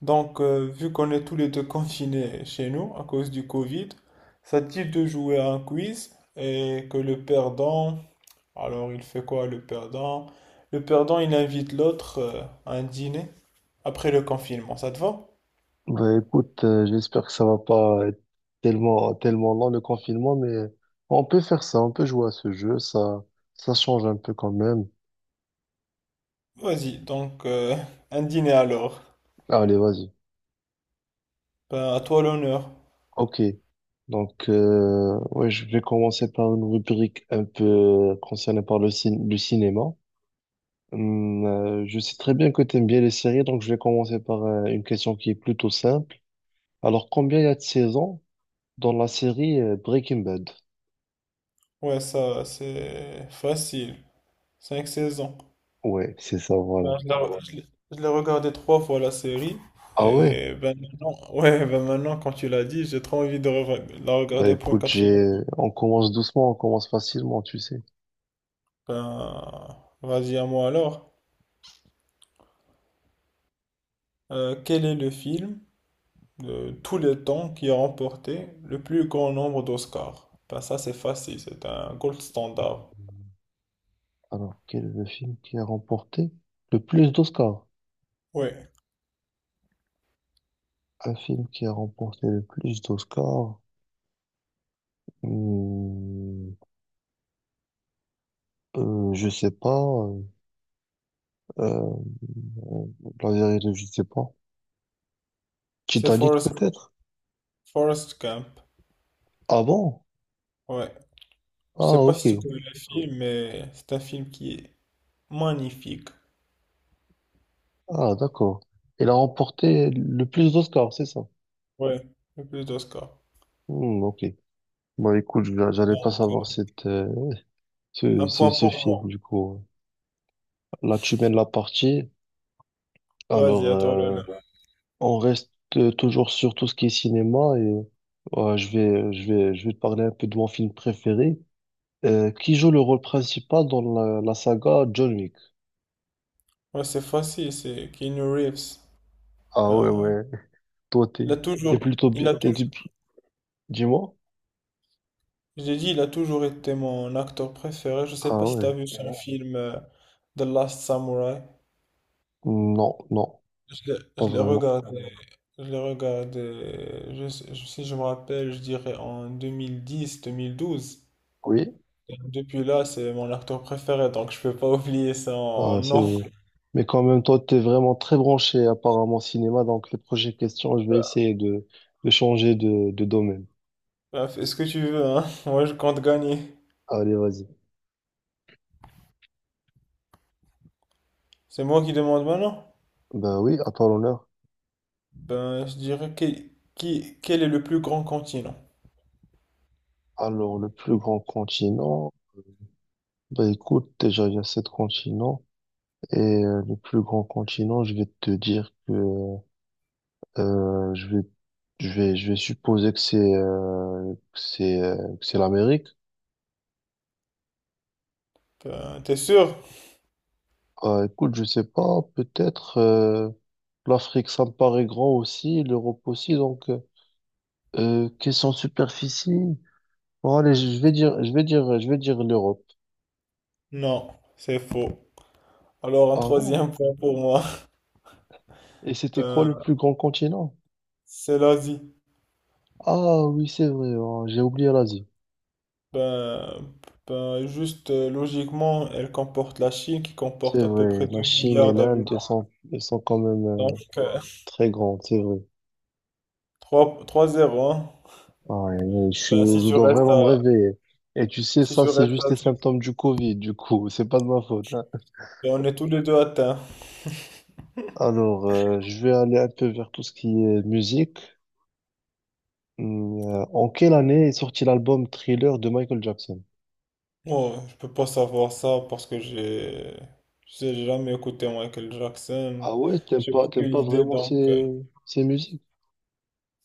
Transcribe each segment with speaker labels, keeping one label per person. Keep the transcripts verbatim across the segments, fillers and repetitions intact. Speaker 1: Donc, euh, vu qu'on est tous les deux confinés chez nous à cause du Covid, ça te dit de jouer à un quiz et que le perdant, alors il fait quoi le perdant? Le perdant, il invite l'autre euh, à un dîner après le confinement, ça te va?
Speaker 2: Bah écoute, euh, j'espère que ça va pas être tellement, tellement long le confinement, mais on peut faire ça, on peut jouer à ce jeu, ça, ça change un peu quand même.
Speaker 1: Vas-y, donc euh, un dîner alors.
Speaker 2: Allez, vas-y.
Speaker 1: Ben, à toi l'honneur.
Speaker 2: Ok. Donc, euh, ouais, je vais commencer par une rubrique un peu euh, concernée par le, cin- le cinéma. Hum, euh, je sais très bien que tu aimes bien les séries, donc je vais commencer par euh, une question qui est plutôt simple. Alors, combien y a de saisons dans la série euh, Breaking Bad?
Speaker 1: Ouais, ça, c'est facile. cinq saisons.
Speaker 2: Ouais, c'est ça, voilà.
Speaker 1: Ben, je l'ai Ah ouais. Je l'ai- je l'ai regardé trois fois la série.
Speaker 2: Ah ouais?
Speaker 1: Et ben maintenant, ouais, ben maintenant, quand tu l'as dit, j'ai trop envie de re- la
Speaker 2: Bah
Speaker 1: regarder pour une
Speaker 2: écoute,
Speaker 1: quatrième
Speaker 2: j'ai...
Speaker 1: fois.
Speaker 2: on commence doucement, on commence facilement, tu sais.
Speaker 1: Ben, Vas-y à moi alors. Euh, quel est le film de tous les temps qui a remporté le plus grand nombre d'Oscars? Ben ça, c'est facile, c'est un gold standard.
Speaker 2: Alors, quel est le film qui a remporté le plus d'Oscars?
Speaker 1: Ouais,
Speaker 2: Un film qui a remporté le plus d'Oscars? Hmm, euh, je sais pas. euh, euh, la vérité, je sais pas.
Speaker 1: c'est
Speaker 2: Titanic
Speaker 1: Forrest,
Speaker 2: peut-être?
Speaker 1: Forrest Gump.
Speaker 2: Ah bon?
Speaker 1: Ouais, je
Speaker 2: Ah
Speaker 1: sais pas
Speaker 2: ok.
Speaker 1: si tu connais le film, mais c'est un film qui est magnifique.
Speaker 2: Ah d'accord. Il a remporté le plus d'Oscars, c'est ça?
Speaker 1: Ouais, le plus d'Oscars.
Speaker 2: Hmm, ok. Bah écoute, je- j'allais pas
Speaker 1: Donc, euh,
Speaker 2: savoir cette, euh, ce,
Speaker 1: Un
Speaker 2: ce,
Speaker 1: point
Speaker 2: ce
Speaker 1: pour
Speaker 2: film
Speaker 1: moi.
Speaker 2: du coup. Là, tu mènes la partie.
Speaker 1: Vas-y,
Speaker 2: Alors,
Speaker 1: à toi,
Speaker 2: euh,
Speaker 1: Léonard. Ouais.
Speaker 2: on reste euh, toujours sur tout ce qui est cinéma et euh, je vais, je vais, je vais te parler un peu de mon film préféré. Euh, qui joue le rôle principal dans la, la saga John Wick?
Speaker 1: Ouais, c'est facile, c'est Keanu Reeves.
Speaker 2: Ah ouais,
Speaker 1: Ben,
Speaker 2: ouais. Toi,
Speaker 1: il a
Speaker 2: t'es, t'es
Speaker 1: toujours,
Speaker 2: plutôt
Speaker 1: il
Speaker 2: bien.
Speaker 1: a
Speaker 2: T'es,
Speaker 1: toujours,
Speaker 2: du- dis-moi.
Speaker 1: j'ai dit, il a toujours été mon acteur préféré. Je sais
Speaker 2: Ah
Speaker 1: pas si
Speaker 2: ouais.
Speaker 1: t'as vu son film euh, The Last Samurai.
Speaker 2: Non, non,
Speaker 1: Euh,
Speaker 2: pas
Speaker 1: Je l'ai
Speaker 2: vraiment.
Speaker 1: regardé, je l'ai regardé, je sais- je- si je me rappelle, je dirais en deux mille dix, deux mille douze.
Speaker 2: Oui.
Speaker 1: Et depuis là, c'est mon acteur préféré, donc je peux pas oublier ça en
Speaker 2: Ah, c'est
Speaker 1: non.
Speaker 2: vrai. Mais quand même, toi, t'es vraiment très branché apparemment cinéma, donc les prochaines questions, je vais essayer de, de changer de, de domaine.
Speaker 1: Est ce que tu veux, hein. Moi, je compte gagner.
Speaker 2: Allez, vas-y.
Speaker 1: C'est moi qui demande maintenant?
Speaker 2: Ben oui, à toi l'honneur.
Speaker 1: Ben, je dirais que, qui, Quel est le plus grand continent?
Speaker 2: Alors, le plus grand continent, bah écoute, déjà il y a sept continents et euh, le plus grand continent, je vais te dire que euh, je vais je vais je vais supposer que c'est euh, que c'est euh, que c'est l'Amérique.
Speaker 1: Ben, t'es sûr?
Speaker 2: Bah écoute, je sais pas, peut-être euh, l'Afrique ça me paraît grand aussi, l'Europe aussi, donc euh, question de superficie. Bon allez, je vais dire je vais dire je vais dire l'Europe
Speaker 1: Non, c'est faux. Alors, un
Speaker 2: avant.
Speaker 1: troisième point pour moi.
Speaker 2: Et c'était quoi le
Speaker 1: Ben,
Speaker 2: plus grand continent?
Speaker 1: c'est l'Asie.
Speaker 2: Ah oui, c'est vrai, oh, j'ai oublié l'Asie.
Speaker 1: Ben, ben, juste euh, Logiquement, elle comporte la Chine qui comporte
Speaker 2: C'est
Speaker 1: à peu
Speaker 2: vrai,
Speaker 1: près
Speaker 2: la
Speaker 1: deux
Speaker 2: Chine et
Speaker 1: milliards
Speaker 2: l'Inde, elles
Speaker 1: d'habitants.
Speaker 2: sont, elles sont quand même euh,
Speaker 1: Donc, euh,
Speaker 2: très grandes, c'est vrai.
Speaker 1: Trois zéro hein.
Speaker 2: Ah, et
Speaker 1: Ben, si
Speaker 2: je, je
Speaker 1: tu
Speaker 2: dois
Speaker 1: restes
Speaker 2: vraiment me
Speaker 1: à,
Speaker 2: réveiller. Et tu sais,
Speaker 1: Si
Speaker 2: ça,
Speaker 1: tu
Speaker 2: c'est
Speaker 1: restes
Speaker 2: juste
Speaker 1: à
Speaker 2: les
Speaker 1: zéro,
Speaker 2: symptômes du Covid, du coup, c'est pas de ma faute, hein.
Speaker 1: ben, on est tous les deux atteints.
Speaker 2: Alors, euh, je vais aller un peu vers tout ce qui est musique. Hum, euh, en quelle année est sorti l'album Thriller de Michael Jackson?
Speaker 1: Ouais, je peux pas savoir ça parce que j'ai j'ai jamais écouté Michael Jackson.
Speaker 2: Ah ouais, t'aimes
Speaker 1: J'ai
Speaker 2: pas, t'aimes
Speaker 1: aucune
Speaker 2: pas
Speaker 1: idée
Speaker 2: vraiment
Speaker 1: donc euh,
Speaker 2: ces, ces musiques.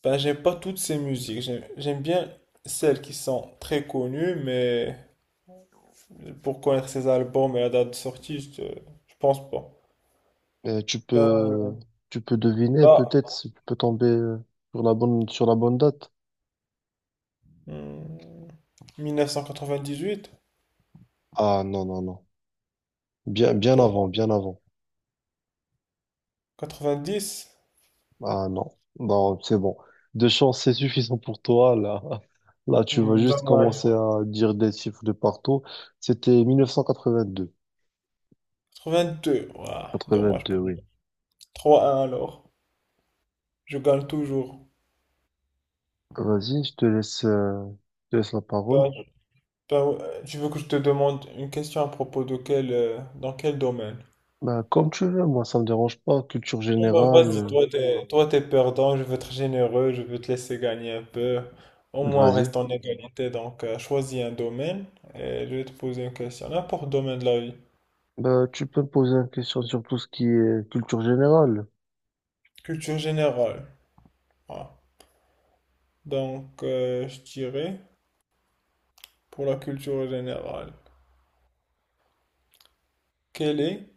Speaker 1: Ben j'aime pas toutes ces musiques. J'aime j'aime bien celles qui sont très connues mais pour connaître ses albums et la date de sortie, je, je pense pas.
Speaker 2: Euh, tu
Speaker 1: Ben
Speaker 2: peux, Tu peux deviner,
Speaker 1: là
Speaker 2: peut-être, si tu peux tomber euh, sur la bonne, sur la bonne date.
Speaker 1: hmm, mille neuf cent quatre-vingt-dix-huit,
Speaker 2: Ah non, non, non. Bien, bien avant, bien
Speaker 1: dommage.
Speaker 2: avant.
Speaker 1: quatre-vingt-dix,
Speaker 2: Ah non, non, c'est bon. Deux chances, c'est suffisant pour toi. Là, là, tu vas
Speaker 1: hmm,
Speaker 2: juste
Speaker 1: dommage.
Speaker 2: commencer à dire des chiffres de partout. C'était mille neuf cent quatre-vingt-deux.
Speaker 1: quatre-vingt-deux, ouah, dommage
Speaker 2: quatre-vingt-deux,
Speaker 1: pour moi.
Speaker 2: oui.
Speaker 1: Trois un alors. Je gagne toujours.
Speaker 2: Vas-y, je te laisse, euh, je te laisse la parole.
Speaker 1: Ben, Ben, euh, tu veux que je te demande une question à propos de quel, euh, dans quel domaine?
Speaker 2: Bah, comme tu veux, moi, ça me dérange pas. Culture
Speaker 1: Non, ben, vas-y,
Speaker 2: générale,
Speaker 1: toi t'es, toi t'es perdant, je veux être généreux, je veux te laisser gagner un peu. Au
Speaker 2: euh,
Speaker 1: moins on
Speaker 2: vas-y.
Speaker 1: reste en égalité, donc euh, choisis un domaine et je vais te poser une question. N'importe domaine de la vie.
Speaker 2: Bah, tu peux me poser une question sur tout ce qui est culture générale.
Speaker 1: Culture générale. Voilà. Donc euh, je dirais, pour la culture générale, quel est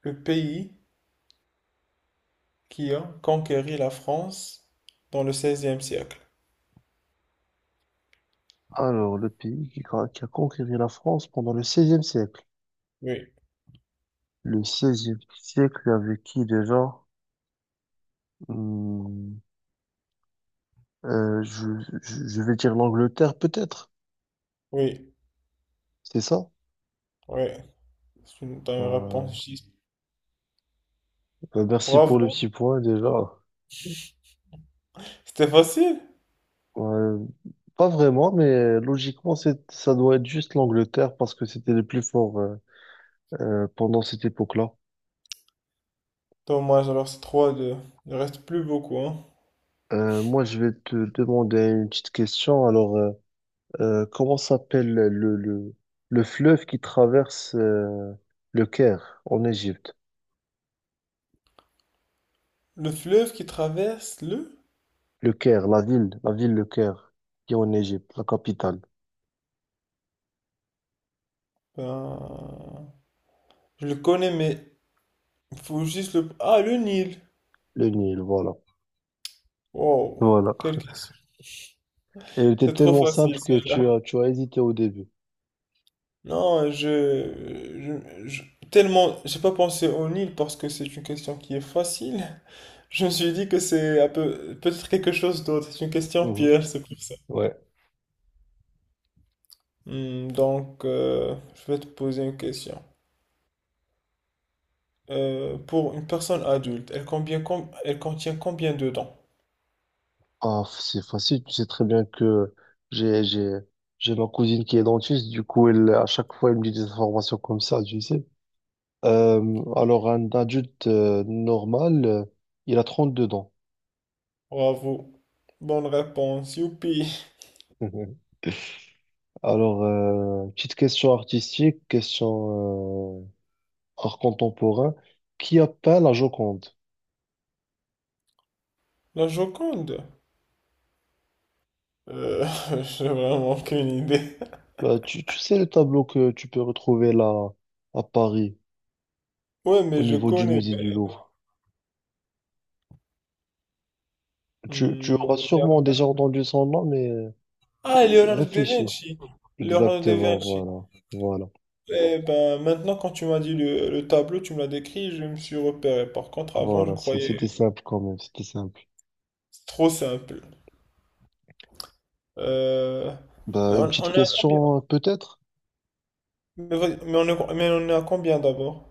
Speaker 1: le pays qui a conquéri la France dans le seizième siècle?
Speaker 2: Alors, le pays qui, a- qui a conquéri la France pendant le seizième siècle.
Speaker 1: Oui,
Speaker 2: Le seizième siècle, avec qui déjà? Hmm, euh, je, je- je vais dire l'Angleterre, peut-être.
Speaker 1: oui,
Speaker 2: C'est ça?
Speaker 1: oui. Dans une
Speaker 2: Euh,
Speaker 1: réponse juste.
Speaker 2: bah, merci pour le
Speaker 1: Bravo.
Speaker 2: petit point déjà.
Speaker 1: C'était facile.
Speaker 2: Ouais, pas vraiment, mais logiquement, c'est, ça doit être juste l'Angleterre parce que c'était les plus forts euh, euh, pendant cette époque-là.
Speaker 1: Dommage, alors c'est trois à deux. Il reste plus beaucoup, hein.
Speaker 2: Euh, moi, je vais te demander une petite question. Alors, euh, euh, comment s'appelle le, le, le fleuve qui traverse euh, le Caire en Égypte?
Speaker 1: Le fleuve qui traverse le...
Speaker 2: Le Caire, la ville, la ville Le Caire qui est en Égypte, la capitale,
Speaker 1: Ben... Je le connais, mais il faut juste le... Ah, le Nil.
Speaker 2: le Nil, voilà.
Speaker 1: Wow.
Speaker 2: Voilà.
Speaker 1: Quelle question.
Speaker 2: Et elle était
Speaker 1: C'est trop
Speaker 2: tellement
Speaker 1: facile,
Speaker 2: simple que tu
Speaker 1: celle-là.
Speaker 2: as, tu as hésité au début.
Speaker 1: Non, je, je, je- Tellement... J'ai pas pensé au Nil parce que c'est une question qui est facile. Je me suis dit que c'est un peu... Peut-être quelque chose d'autre. C'est une question
Speaker 2: Mhm.
Speaker 1: piège, c'est pour ça.
Speaker 2: Ouais.
Speaker 1: Hmm, donc, euh, je vais te poser une question. Euh, pour une personne adulte, elle, combien- com- elle contient combien de dents?
Speaker 2: Ah, f- c'est facile, tu sais très bien que j'ai, j'ai, j'ai ma cousine qui est dentiste, du coup, elle, à chaque fois, elle me dit des informations comme ça, tu sais. Euh, alors, un adulte euh, normal, euh, il a trente deux dents.
Speaker 1: Bravo. Bonne réponse, youpi.
Speaker 2: Mhm. Alors, euh, petite question artistique, question euh, art contemporain. Qui a peint la Joconde?
Speaker 1: La Joconde? Euh, j'ai vraiment aucune idée.
Speaker 2: Bah, tu, tu sais le tableau que tu peux retrouver là à Paris,
Speaker 1: Ouais,
Speaker 2: au
Speaker 1: mais je
Speaker 2: niveau du
Speaker 1: connais.
Speaker 2: musée du
Speaker 1: mais-
Speaker 2: Louvre. Tu, tu
Speaker 1: Hmm,
Speaker 2: auras
Speaker 1: y a
Speaker 2: sûrement déjà
Speaker 1: pas-
Speaker 2: entendu son nom, mais euh,
Speaker 1: Ah, Leonardo da
Speaker 2: réfléchis.
Speaker 1: Vinci. Leonardo da
Speaker 2: Exactement,
Speaker 1: Vinci.
Speaker 2: voilà. Voilà.
Speaker 1: Eh ben, maintenant, quand tu m'as dit le, le tableau, tu me l'as décrit, je me suis repéré. Par contre, avant, je
Speaker 2: Voilà. C'est-
Speaker 1: croyais
Speaker 2: C'était simple quand même. C'était simple.
Speaker 1: trop simple. Euh, mais
Speaker 2: Bah, une
Speaker 1: on,
Speaker 2: petite
Speaker 1: on est à combien?
Speaker 2: question, euh, peut-être?
Speaker 1: Mais, vas-y, mais on est, mais on est à combien d'abord?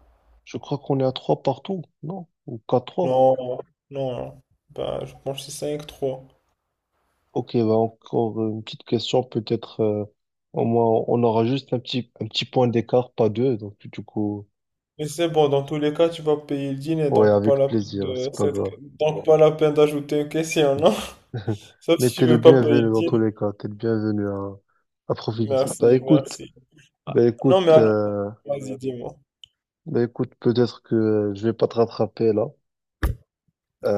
Speaker 2: Je crois qu'on est à trois partout, non? Ou quatre trois?
Speaker 1: Non, non, non. Bah, je pense que c'est cinq trois.
Speaker 2: Ok, bah encore une petite question, peut-être. Euh, au moins, on aura juste un petit, un petit point d'écart, pas deux. Donc, du coup,
Speaker 1: Mais c'est bon, dans tous les cas, tu vas payer le dîner,
Speaker 2: ouais,
Speaker 1: donc pas
Speaker 2: avec
Speaker 1: la peine
Speaker 2: plaisir.
Speaker 1: de
Speaker 2: C'est pas
Speaker 1: cette...
Speaker 2: grave.
Speaker 1: donc pas la peine d'ajouter une question, non? Sauf
Speaker 2: Mais
Speaker 1: si tu
Speaker 2: t'es le
Speaker 1: veux pas payer
Speaker 2: bienvenu
Speaker 1: le
Speaker 2: dans tous
Speaker 1: dîner.
Speaker 2: les cas. T'es le bienvenu à, à profiter. Bah,
Speaker 1: Merci,
Speaker 2: écoute.
Speaker 1: merci.
Speaker 2: Ben
Speaker 1: Non, mais
Speaker 2: écoute,
Speaker 1: alors,
Speaker 2: euh,
Speaker 1: vas-y, dis-moi.
Speaker 2: ben écoute, peut-être que euh, je vais pas te rattraper là.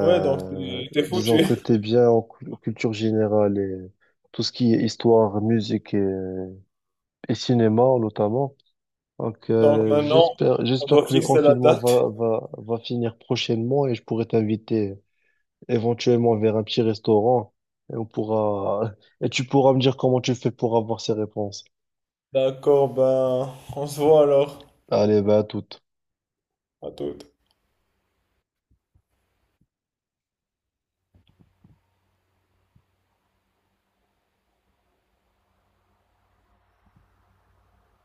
Speaker 1: Ouais, donc t'es t'es foutu.
Speaker 2: disons que t'es bien en cu- culture générale et tout ce qui est histoire, musique et, et cinéma notamment. Donc
Speaker 1: Donc
Speaker 2: euh,
Speaker 1: maintenant,
Speaker 2: j'espère,
Speaker 1: on
Speaker 2: j'espère
Speaker 1: doit
Speaker 2: que le
Speaker 1: fixer la
Speaker 2: confinement
Speaker 1: date.
Speaker 2: va, va, va finir prochainement et je pourrai t'inviter éventuellement vers un petit restaurant et on pourra et tu pourras me dire comment tu fais pour avoir ces réponses.
Speaker 1: D'accord, ben, on se voit alors.
Speaker 2: Allez, ben à toute.
Speaker 1: À toute.